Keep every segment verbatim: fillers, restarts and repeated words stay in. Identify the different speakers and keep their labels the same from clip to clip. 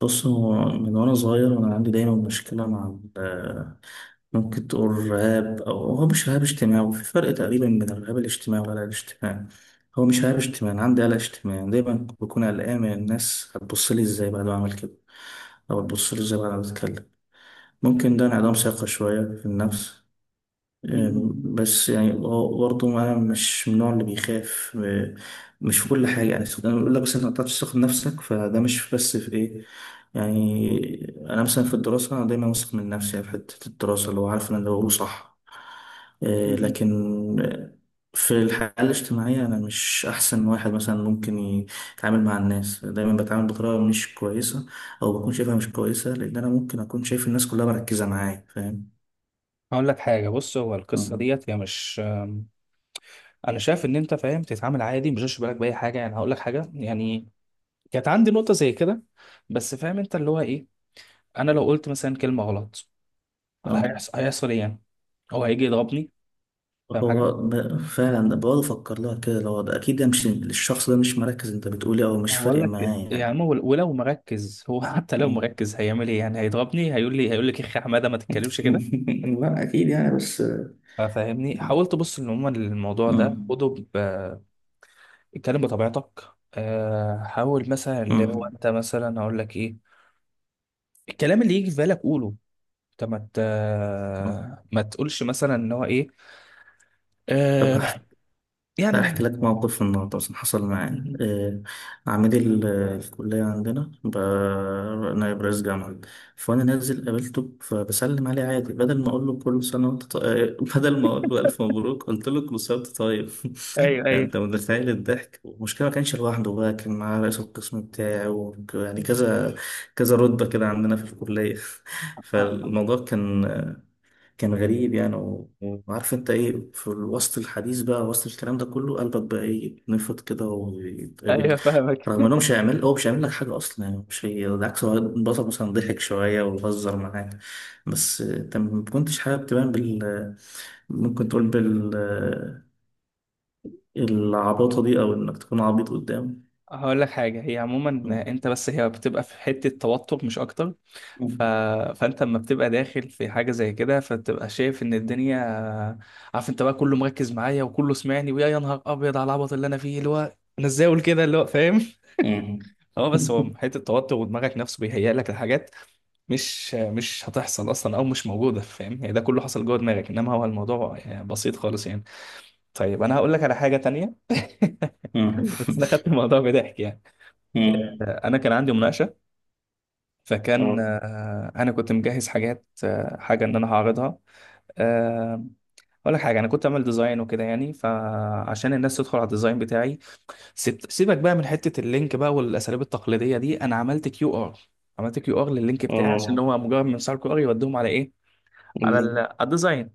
Speaker 1: بص، هو من وأنا صغير وأنا عندي دايما مشكلة مع ال- ممكن تقول رهاب، أو هو مش رهاب اجتماعي. وفي فرق تقريبا بين الرهاب الاجتماعي والقلق الاجتماعي. هو مش رهاب اجتماعي، أنا عندي قلق اجتماعي. دايما بكون قلقان من الناس هتبص لي إزاي بعد ما أعمل كده، أو هتبص لي إزاي بعد ما أتكلم. ممكن ده انعدام ثقة شوية في النفس. أم،
Speaker 2: مم.
Speaker 1: بس يعني هو برضه أنا مش من النوع اللي بيخاف. أم، مش في كل حاجة، يعني أنا بقول لك بس أنت ما بتعرفش تثق في نفسك، فده مش بس في إيه، يعني أنا مثلا في الدراسة أنا دايما واثق من نفسي، يعني في حتة الدراسة اللي هو عارف إن أنا بقوله صح. أه،
Speaker 2: مم.
Speaker 1: لكن في الحياة الاجتماعية أنا مش أحسن واحد مثلا ممكن يتعامل مع الناس. دايما بتعامل بطريقة مش كويسة، أو بكون شايفها مش كويسة، لأن أنا ممكن أكون شايف الناس كلها مركزة معايا. فاهم؟
Speaker 2: هقول لك حاجه، بص، هو القصه
Speaker 1: أه.
Speaker 2: ديت هي مش أم، انا شايف ان انت فاهم تتعامل عادي، مش هشبه بالك باي حاجه. يعني هقول لك حاجه، يعني كانت عندي نقطه زي كده، بس فاهم انت اللي هو ايه. انا لو قلت مثلا كلمه غلط،
Speaker 1: آه.
Speaker 2: هيحصل هيحصل ايه يعني؟ هو هيجي يضربني؟ فاهم حاجه؟
Speaker 1: هو ب- فعلا بقعد افكر لها كده. لو ده اكيد ده مش، الشخص ده مش مركز انت بتقولي، او مش
Speaker 2: هقول
Speaker 1: فارق
Speaker 2: لك،
Speaker 1: معاه يعني.
Speaker 2: يعني هو ولو مركز، هو حتى لو
Speaker 1: مم.
Speaker 2: مركز هيعمل ايه يعني؟ هيضربني؟ هيقول لي هيقول لك يا اخي حماده ما تتكلمش كده.
Speaker 1: لا أكيد يعني، بس
Speaker 2: فاهمني؟ حاولت ابص ان عموما الموضوع ده
Speaker 1: مم.
Speaker 2: خده، اتكلم بطبيعتك. آه، حاول مثلا اللي هو
Speaker 1: مم.
Speaker 2: انت مثلا هقول لك ايه، الكلام اللي يجي في بالك قوله. انت ما ت- ما تقولش مثلا ان هو ايه.
Speaker 1: طب
Speaker 2: آه، يعني م-
Speaker 1: هحكي لك موقف النهارده مثلا حصل معايا.
Speaker 2: م-
Speaker 1: آه، عميد ال- الكلية عندنا بقى، نائب رئيس جامعة. فأنا نازل قابلته، فبسلم عليه عادي، بدل ما أقول له كل سنة وأنت طيب، بدل ما أقول له ألف مبروك، قلت له كل سنة وأنت طيب.
Speaker 2: ايوه
Speaker 1: يعني
Speaker 2: ايوه.
Speaker 1: انت متخيل الضحك؟ والمشكله ما كانش لوحده بقى، كان معاه رئيس القسم بتاعي وك- يعني كذا كذا رتبه كده عندنا في الكليه.
Speaker 2: آه،
Speaker 1: فالموضوع كان، كان غريب يعني. و- وعارف انت ايه، في وسط الحديث بقى، وسط الكلام ده كله، قلبك بقى ايه، يتنفض كده ويتقبض.
Speaker 2: ايوه فاهمك.
Speaker 1: رغم انه مش هيعمل، هو مش هيعمل لك حاجه اصلا، يعني مش، هي بالعكس هو البطل مثلا ضحك شويه وهزر معاك. بس انت ما كنتش حابب تبان بال، ممكن تقول بال العباطة دي، أو إنك تكون عبيط قدامه.
Speaker 2: هقول لك حاجه، هي عموما
Speaker 1: مم.
Speaker 2: انت بس هي بتبقى في حته توتر مش اكتر. ف... فانت لما بتبقى داخل في حاجه زي كده فبتبقى شايف ان الدنيا، عارف انت بقى، كله مركز معايا وكله سمعني، ويا يا نهار ابيض على العبط اللي انا فيه، اللي هو انا ازاي اقول كده اللي هو فاهم.
Speaker 1: مم.
Speaker 2: اه، بس هو حته التوتر ودماغك نفسه بيهيأ لك الحاجات، مش مش هتحصل اصلا او مش موجوده. فاهم يعني؟ ده كله حصل جوه دماغك، انما هو الموضوع يعني بسيط خالص يعني. طيب انا هقول لك على حاجه تانية.
Speaker 1: مم.
Speaker 2: بس انا خدت الموضوع بضحك يعني.
Speaker 1: مم.
Speaker 2: آه، انا كان عندي مناقشه. فكان
Speaker 1: اه،
Speaker 2: آه، انا كنت مجهز حاجات، آه، حاجه ان انا هعرضها. آه، اقول لك حاجه، انا كنت اعمل ديزاين وكده يعني. فعشان الناس تدخل على الديزاين بتاعي، سيب- سيبك بقى من حته اللينك بقى والاساليب التقليديه دي، انا عملت كيو ار. عملت كيو ار لللينك بتاعي عشان
Speaker 1: اه،
Speaker 2: هو مجرد من صار كيو ار يوديهم على ايه،
Speaker 1: قول
Speaker 2: على
Speaker 1: لي.
Speaker 2: ال- على الديزاين.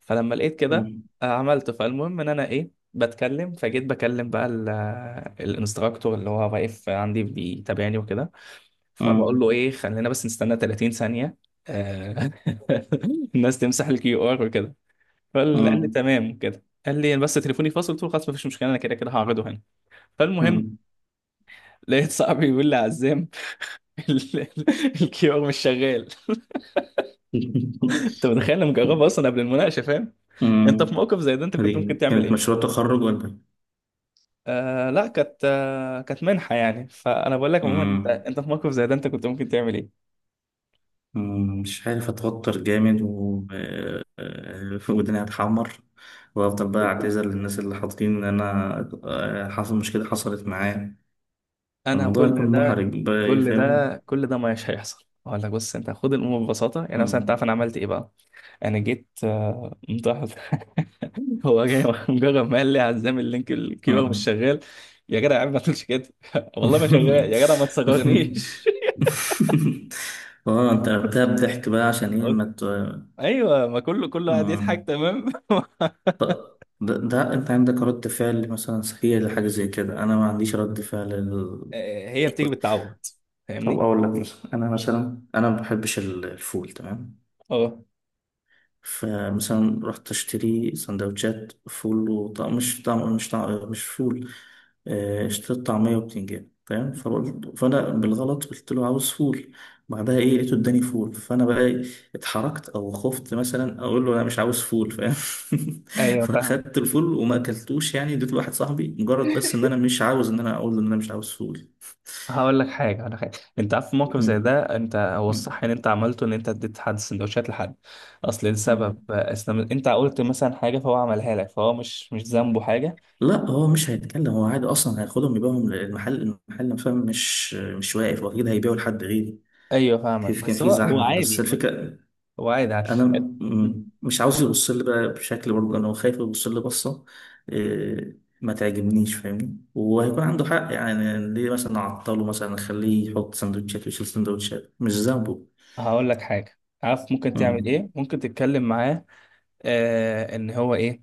Speaker 2: فلما لقيت كده،
Speaker 1: مم.
Speaker 2: آه، عملته. فالمهم ان انا ايه بتكلم، فجيت بكلم بقى ال- آه، الانستراكتور اللي هو واقف عندي بيتابعني وكده. فبقول له
Speaker 1: مم.
Speaker 2: ايه، خلينا بس نستنى ثلاثين ثانية ثانيه. آه، الناس تمسح الكيو ار وكده. فقال لي
Speaker 1: مم.
Speaker 2: تمام كده، قال لي بس تليفوني فاصل. قلت له خلاص مفيش مشكله، انا كده كده هعرضه هنا. فالمهم
Speaker 1: مم.
Speaker 2: لقيت صاحبي بيقول لي عزام، ال- ال- الكيور مش شغال. انت متخيل؟ انا مجربها اصلا قبل المناقشه، فاهم؟ انت في
Speaker 1: مم.
Speaker 2: موقف زي ده انت كنت ممكن
Speaker 1: دي
Speaker 2: تعمل
Speaker 1: كانت
Speaker 2: ايه؟
Speaker 1: مشروع تخرج ولا إيه؟
Speaker 2: آه لا، كانت آه كانت منحه يعني. فانا بقول لك عموما، انت
Speaker 1: مم.
Speaker 2: انت في موقف زي ده انت كنت ممكن تعمل ايه؟
Speaker 1: مم. مش عارف، اتوتر جامد. و آه، آه، ودني هتحمر، وافضل بقى اعتذر للناس اللي حاطين ان انا، آه، حصل مشكله، حصلت معايا.
Speaker 2: انا
Speaker 1: الموضوع
Speaker 2: كل
Speaker 1: يكون
Speaker 2: ده
Speaker 1: محرج بقى، إيه،
Speaker 2: كل
Speaker 1: فاهم.
Speaker 2: ده كل ده مش هيحصل. اقول لك، بص انت خد الامور ببساطه. يعني مثلا انت عارف
Speaker 1: مم.
Speaker 2: انا عملت ايه بقى؟ انا جيت آه متأخر. هو جاي، مجرد ما قال لي عزام اللينك الكيبر مش
Speaker 1: اه.
Speaker 2: شغال، يا جدع يا عم ما تقولش كده. والله ما شغال يا جدع ما تصغرنيش.
Speaker 1: اه، انت قلبتها بضحك بقى، عشان ايه ما
Speaker 2: أوكي.
Speaker 1: ت...
Speaker 2: ايوه، ما كله كله قاعد
Speaker 1: آه.
Speaker 2: يضحك تمام.
Speaker 1: طب ده, ده انت عندك رد فعل مثلا سخية لحاجة زي كده، انا ما عنديش رد فعل ال...
Speaker 2: آه، هي بتيجي بالتعود.
Speaker 1: طب
Speaker 2: فاهمني؟
Speaker 1: اقول لك مثلا، انا
Speaker 2: مم.
Speaker 1: مثلا، انا ما بحبش ال- الفول، تمام؟
Speaker 2: اه.
Speaker 1: فمثلا رحت اشتري سندوتشات فول، وطعم مش طعم مش طعم مش فول آه، اشتريت طعمية وبتنجان، تمام. فقلت، فانا بالغلط قلت له عاوز فول. بعدها ايه، لقيته اداني فول. فانا بقى إيه، اتحركت او خفت مثلا اقول له انا مش عاوز فول، فاهم؟
Speaker 2: ايوه فاهم.
Speaker 1: فاخدت الفول وما اكلتوش، يعني اديته لواحد صاحبي، مجرد بس ان انا مش عاوز ان انا اقول له ان انا مش عاوز فول.
Speaker 2: هقول لك حاجه هقول لك حاجه انت عارف، في موقف زي
Speaker 1: مم.
Speaker 2: ده انت هو الصح
Speaker 1: مم.
Speaker 2: ان انت عملته، ان انت اديت حد سندوتشات لحد. اصل لسبب،
Speaker 1: مم.
Speaker 2: أصل انت قلت مثلا حاجه فهو عملها لك، فهو مش مش ذنبه حاجه.
Speaker 1: لا، هو مش هيتكلم، هو عادي اصلا هياخدهم يبيعهم للمحل. المحل نفسه مش مش واقف، واكيد هيبيعوا لحد غيري.
Speaker 2: ايوه فاهمك،
Speaker 1: كيف كان
Speaker 2: بس
Speaker 1: في
Speaker 2: هو هو
Speaker 1: زحمه، بس
Speaker 2: عادي.
Speaker 1: الفكره
Speaker 2: هو عادي عادي.
Speaker 1: انا م- مش عاوز يبص لي بقى بشكل، برضه انا خايف يبص لي بصه إيه، ما تعجبنيش، فاهمني؟ وهيكون عنده حق يعني، ليه مثلا اعطله، مثلا اخليه يحط سندوتشات ويشيل سندوتشات، مش ذنبه.
Speaker 2: هقول لك حاجة، عارف ممكن تعمل
Speaker 1: مم.
Speaker 2: ايه؟ ممكن تتكلم معاه، آه ان هو ايه،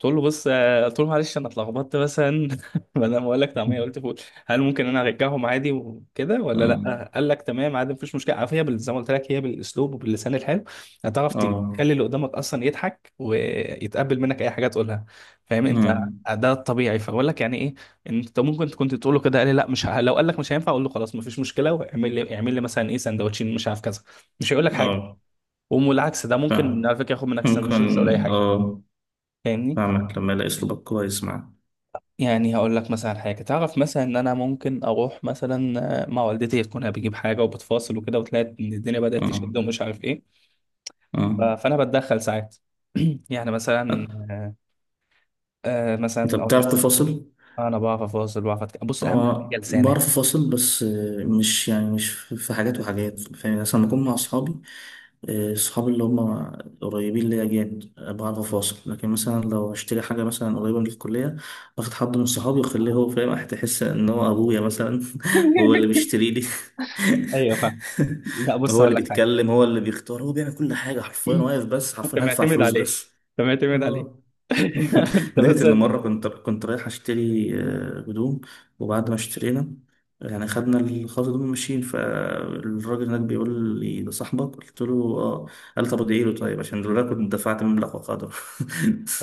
Speaker 2: قلت له بص، آه، قلت له معلش انا اتلخبطت مثلا، بدل ما اقول لك طعميه قلت فول. هل ممكن انا ارجعهم عادي وكده ولا
Speaker 1: مم.
Speaker 2: لا؟ قال لك تمام عادي مفيش مشكله. عارف، هي بال- زي ما قلت لك، هي بالاسلوب وباللسان الحلو هتعرف
Speaker 1: اه.
Speaker 2: تخلي اللي قدامك اصلا يضحك ويتقبل منك اي حاجه تقولها. فاهم انت؟
Speaker 1: مم.
Speaker 2: ده الطبيعي. فبقول لك يعني ايه، انت ممكن كنت تقول له كده، قال لي لا مش ه... لو قال لك مش هينفع اقول له خلاص مفيش مشكله، واعمل لي اعمل لي مثلا ايه سندوتشين مش عارف كذا. مش هيقول لك حاجه.
Speaker 1: اه،
Speaker 2: والعكس ده ممكن
Speaker 1: فاهم.
Speaker 2: على فكره ياخد منك
Speaker 1: ممكن.
Speaker 2: سندوتشين مش هيقول اي حاجه.
Speaker 1: اه.
Speaker 2: فاهمني؟
Speaker 1: فاهمك، لما يلاقي اسلوبك كويس معاه.
Speaker 2: يعني هقول لك مثلا حاجه، تعرف مثلا ان انا ممكن اروح مثلا آه، مع والدتي تكون بجيب حاجه وبتفاصل وكده، وتلاقي ان الدنيا بدات
Speaker 1: اه.
Speaker 2: تشد ومش عارف ايه.
Speaker 1: اه،
Speaker 2: ف- فانا بتدخل ساعات. يعني مثلا، آه، آه،
Speaker 1: انت
Speaker 2: مثلا اقول لك
Speaker 1: بتعرف
Speaker 2: إيه؟
Speaker 1: تفاصل.
Speaker 2: انا بعرف افاصل، بعرف أتك... بص اهم حاجه
Speaker 1: هو
Speaker 2: لسانك.
Speaker 1: بعرف افاصل، بس آه، مش يعني مش في حاجات وحاجات، فاهم يعني؟ مثلا لما اكون مع اصحابي، آه، اصحابي اللي هم قريبين ليا جامد، آه، بعرف افاصل. لكن مثلا لو اشتري حاجه مثلا قريبه من الكليه، باخد حد من صحابي واخليه هو فاهم. هتحس ان هو ابويا مثلا. هو اللي بيشتري لي،
Speaker 2: ايوه فاهم. لا بص،
Speaker 1: هو
Speaker 2: هقول
Speaker 1: اللي
Speaker 2: لك حاجه.
Speaker 1: بيتكلم، هو اللي بيختار، هو بيعمل كل حاجه حرفيا، واقف بس
Speaker 2: انت
Speaker 1: حرفيا، هدفع
Speaker 2: معتمد
Speaker 1: فلوس
Speaker 2: عليه،
Speaker 1: بس.
Speaker 2: انت معتمد عليه.
Speaker 1: اه.
Speaker 2: انت
Speaker 1: لدرجة
Speaker 2: بس
Speaker 1: إن مرة كنت كنت رايح أشتري آه، هدوم. وبعد ما اشترينا، يعني خدنا الخاص دول ماشيين، فالراجل هناك بيقول لي ده صاحبك، قلت له اه. قال طب ادعي له، طيب، عشان لولا كنت دفعت مبلغ وقدره.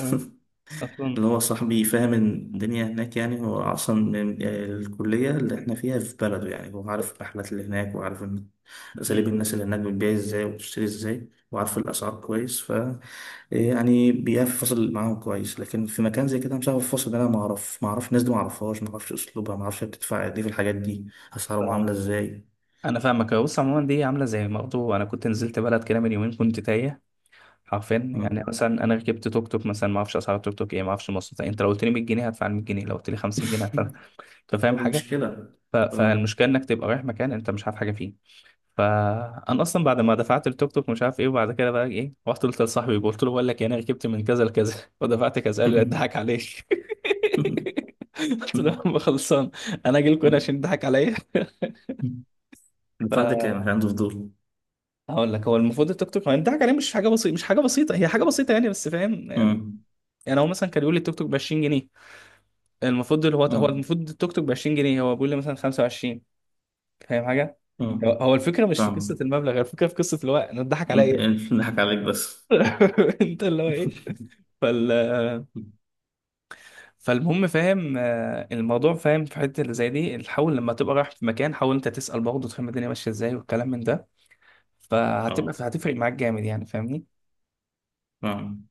Speaker 2: آه، اصلا.
Speaker 1: اللي هو صاحبي فاهم الدنيا هناك، يعني هو أصلا من الكلية اللي احنا فيها في بلده، يعني هو عارف الرحلات اللي هناك، وعارف إن أساليب الناس اللي هناك بتبيع ازاي وبتشتري ازاي، وعارف الأسعار كويس. ف يعني بيقف فاصل معاهم كويس. لكن في مكان زي كده مش عارف الفاصل ده، أنا ما أعرف ما أعرف الناس دي، ما أعرفهاش، ما أعرفش أسلوبها، ما أعرفش بتدفع قد إيه في الحاجات دي، أسعارهم عاملة ازاي.
Speaker 2: انا فاهمك. بص عموما دي عامله زي برضه انا كنت نزلت بلد كده من يومين، كنت تايه حرفيا. يعني
Speaker 1: مم.
Speaker 2: مثلا انا ركبت توك توك مثلا، ما اعرفش اسعار التوك توك ايه، ما اعرفش مواصلات إيه. انت لو قلت لي ميت جنيه هدفع ميت جنيه، لو قلت لي خمسين جنيه هدفع. انت
Speaker 1: هو
Speaker 2: فاهم
Speaker 1: دي
Speaker 2: حاجه؟
Speaker 1: مشكلة.
Speaker 2: ف...
Speaker 1: اه.
Speaker 2: فالمشكله انك تبقى رايح مكان انت مش عارف حاجه فيه. فانا اصلا بعد ما دفعت التوك توك مش عارف ايه، وبعد كده بقى ايه رحت قلت لصاحبي، قلت له بقول لك يعني انا ركبت من كذا لكذا ودفعت كذا. قال لي اضحك عليك. قلت له يا عم خلصان، انا اجي لكم هنا عشان تضحك عليا؟
Speaker 1: الفاتح كان عنده فضول.
Speaker 2: هقول لك، هو المفروض التيك توك، ما الضحك عليه مش حاجه بسيطه، مش حاجه بسيطه هي حاجه بسيطه يعني، بس فاهم يعني. يعني هو مثلا كان بيقول لي التيك توك ب عشرين جنيه، المفروض اللي هو هو
Speaker 1: اه.
Speaker 2: المفروض التيك توك ب عشرين جنيه، هو بيقول لي مثلا خمسة وعشرين. فاهم حاجه؟
Speaker 1: اه،
Speaker 2: هو هو الفكره مش في
Speaker 1: فاهمك.
Speaker 2: قصه المبلغ، هي الفكره في قصه اللي هو انا اتضحك عليا ايه.
Speaker 1: متهيألي نضحك عليك بس.
Speaker 2: انت اللي هو ايه. فال فالمهم فاهم آه، الموضوع. فاهم في حته اللي زي دي، حاول لما تبقى رايح في مكان حاول انت تسال برضه تفهم الدنيا ماشيه ازاي والكلام من ده. فهتبقى
Speaker 1: اه،
Speaker 2: هتفرق معاك جامد يعني. فاهمني؟
Speaker 1: فاهمك.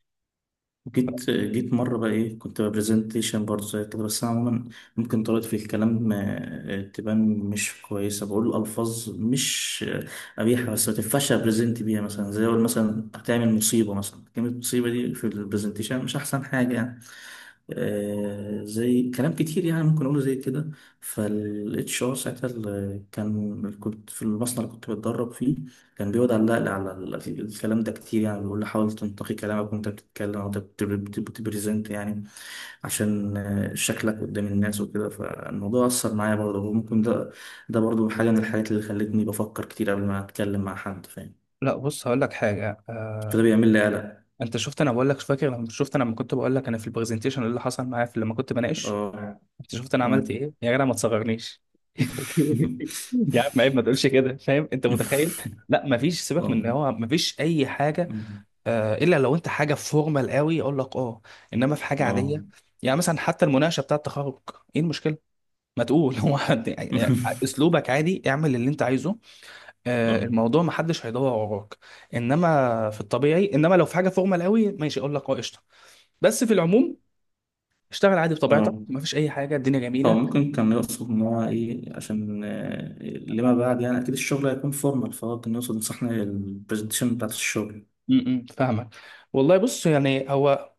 Speaker 1: جيت جيت مرة بقى إيه، كنت برزنتيشن برضه زي كده. بس أنا عموما ممكن طريقتي في الكلام آه، تبان مش كويسة، بقول ألفاظ مش آه، قبيحة، بس ما تنفعش أبرزنت بيها مثلا، زي أقول مثلا هتعمل مصيبة، مثلا كلمة مصيبة دي في البرزنتيشن مش أحسن حاجة يعني. آه، زي كلام كتير يعني ممكن أقوله زي كده. فال اتش آر ساعتها، ال- كان كنت في المصنع اللي كنت بتدرب فيه، كان بيقعد علق لي على ال- الكلام ده كتير، يعني بيقول لي حاول تنتقي كلامك وانت بتتكلم، وانت بت- بت- بتبريزنت يعني، عشان آه، شكلك قدام الناس وكده. فالموضوع أثر معايا برضه، وممكن ده، ده برضه حاجة من الحاجات اللي خلتني بفكر كتير قبل ما أتكلم مع حد، فاهم؟
Speaker 2: لا بص، هقول لك حاجه.
Speaker 1: فده
Speaker 2: آه،
Speaker 1: بيعمل لي قلق.
Speaker 2: انت شفت انا بقول لك، فاكر لما شفت انا لما كنت بقول لك انا في البرزنتيشن اللي حصل معايا، في لما كنت بناقش،
Speaker 1: اه.
Speaker 2: انت شفت انا
Speaker 1: اه.
Speaker 2: عملت ايه؟ يا جدع ما تصغرنيش. يا عم عيب ما تقولش كده. فاهم انت؟ متخيل؟ لا ما فيش، سيبك من
Speaker 1: اه.
Speaker 2: ان هو ما فيش اي حاجه. آه الا لو انت حاجه فورمال قوي اقول لك اه، انما في حاجه
Speaker 1: اه.
Speaker 2: عاديه. يعني مثلا حتى المناقشه بتاعه التخرج، ايه المشكله؟ ما تقول، هو حد يعني؟ اسلوبك عادي، اعمل اللي انت عايزه. آه،
Speaker 1: اه.
Speaker 2: الموضوع ما حدش هيدور وراك. انما في الطبيعي، انما لو في حاجه فورمال قوي ماشي اقول لك اه قشطه. بس في العموم اشتغل عادي بطبيعتك،
Speaker 1: اه.
Speaker 2: ما فيش اي حاجه، الدنيا
Speaker 1: هو
Speaker 2: جميله.
Speaker 1: ممكن كان يقصد إن هو إيه، عشان آه، لما بعد يعني أكيد الشغل هيكون فورمال، فهو كان يقصد إن إحنا البرزنتيشن بتاعت الشغل.
Speaker 2: امم فاهمك. والله بص، يعني هو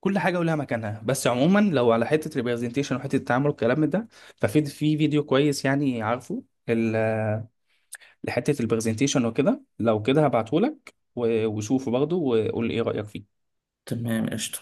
Speaker 2: كل حاجه ولها مكانها، بس عموما لو على حته ريبرزنتيشن وحته التعامل والكلام من ده، ففي في فيديو كويس يعني، عارفه، ال- لحته البرزنتيشن وكده. لو كده هبعته لك، وشوفه برضه وقول لي ايه رايك فيه.
Speaker 1: تمام، قشطة.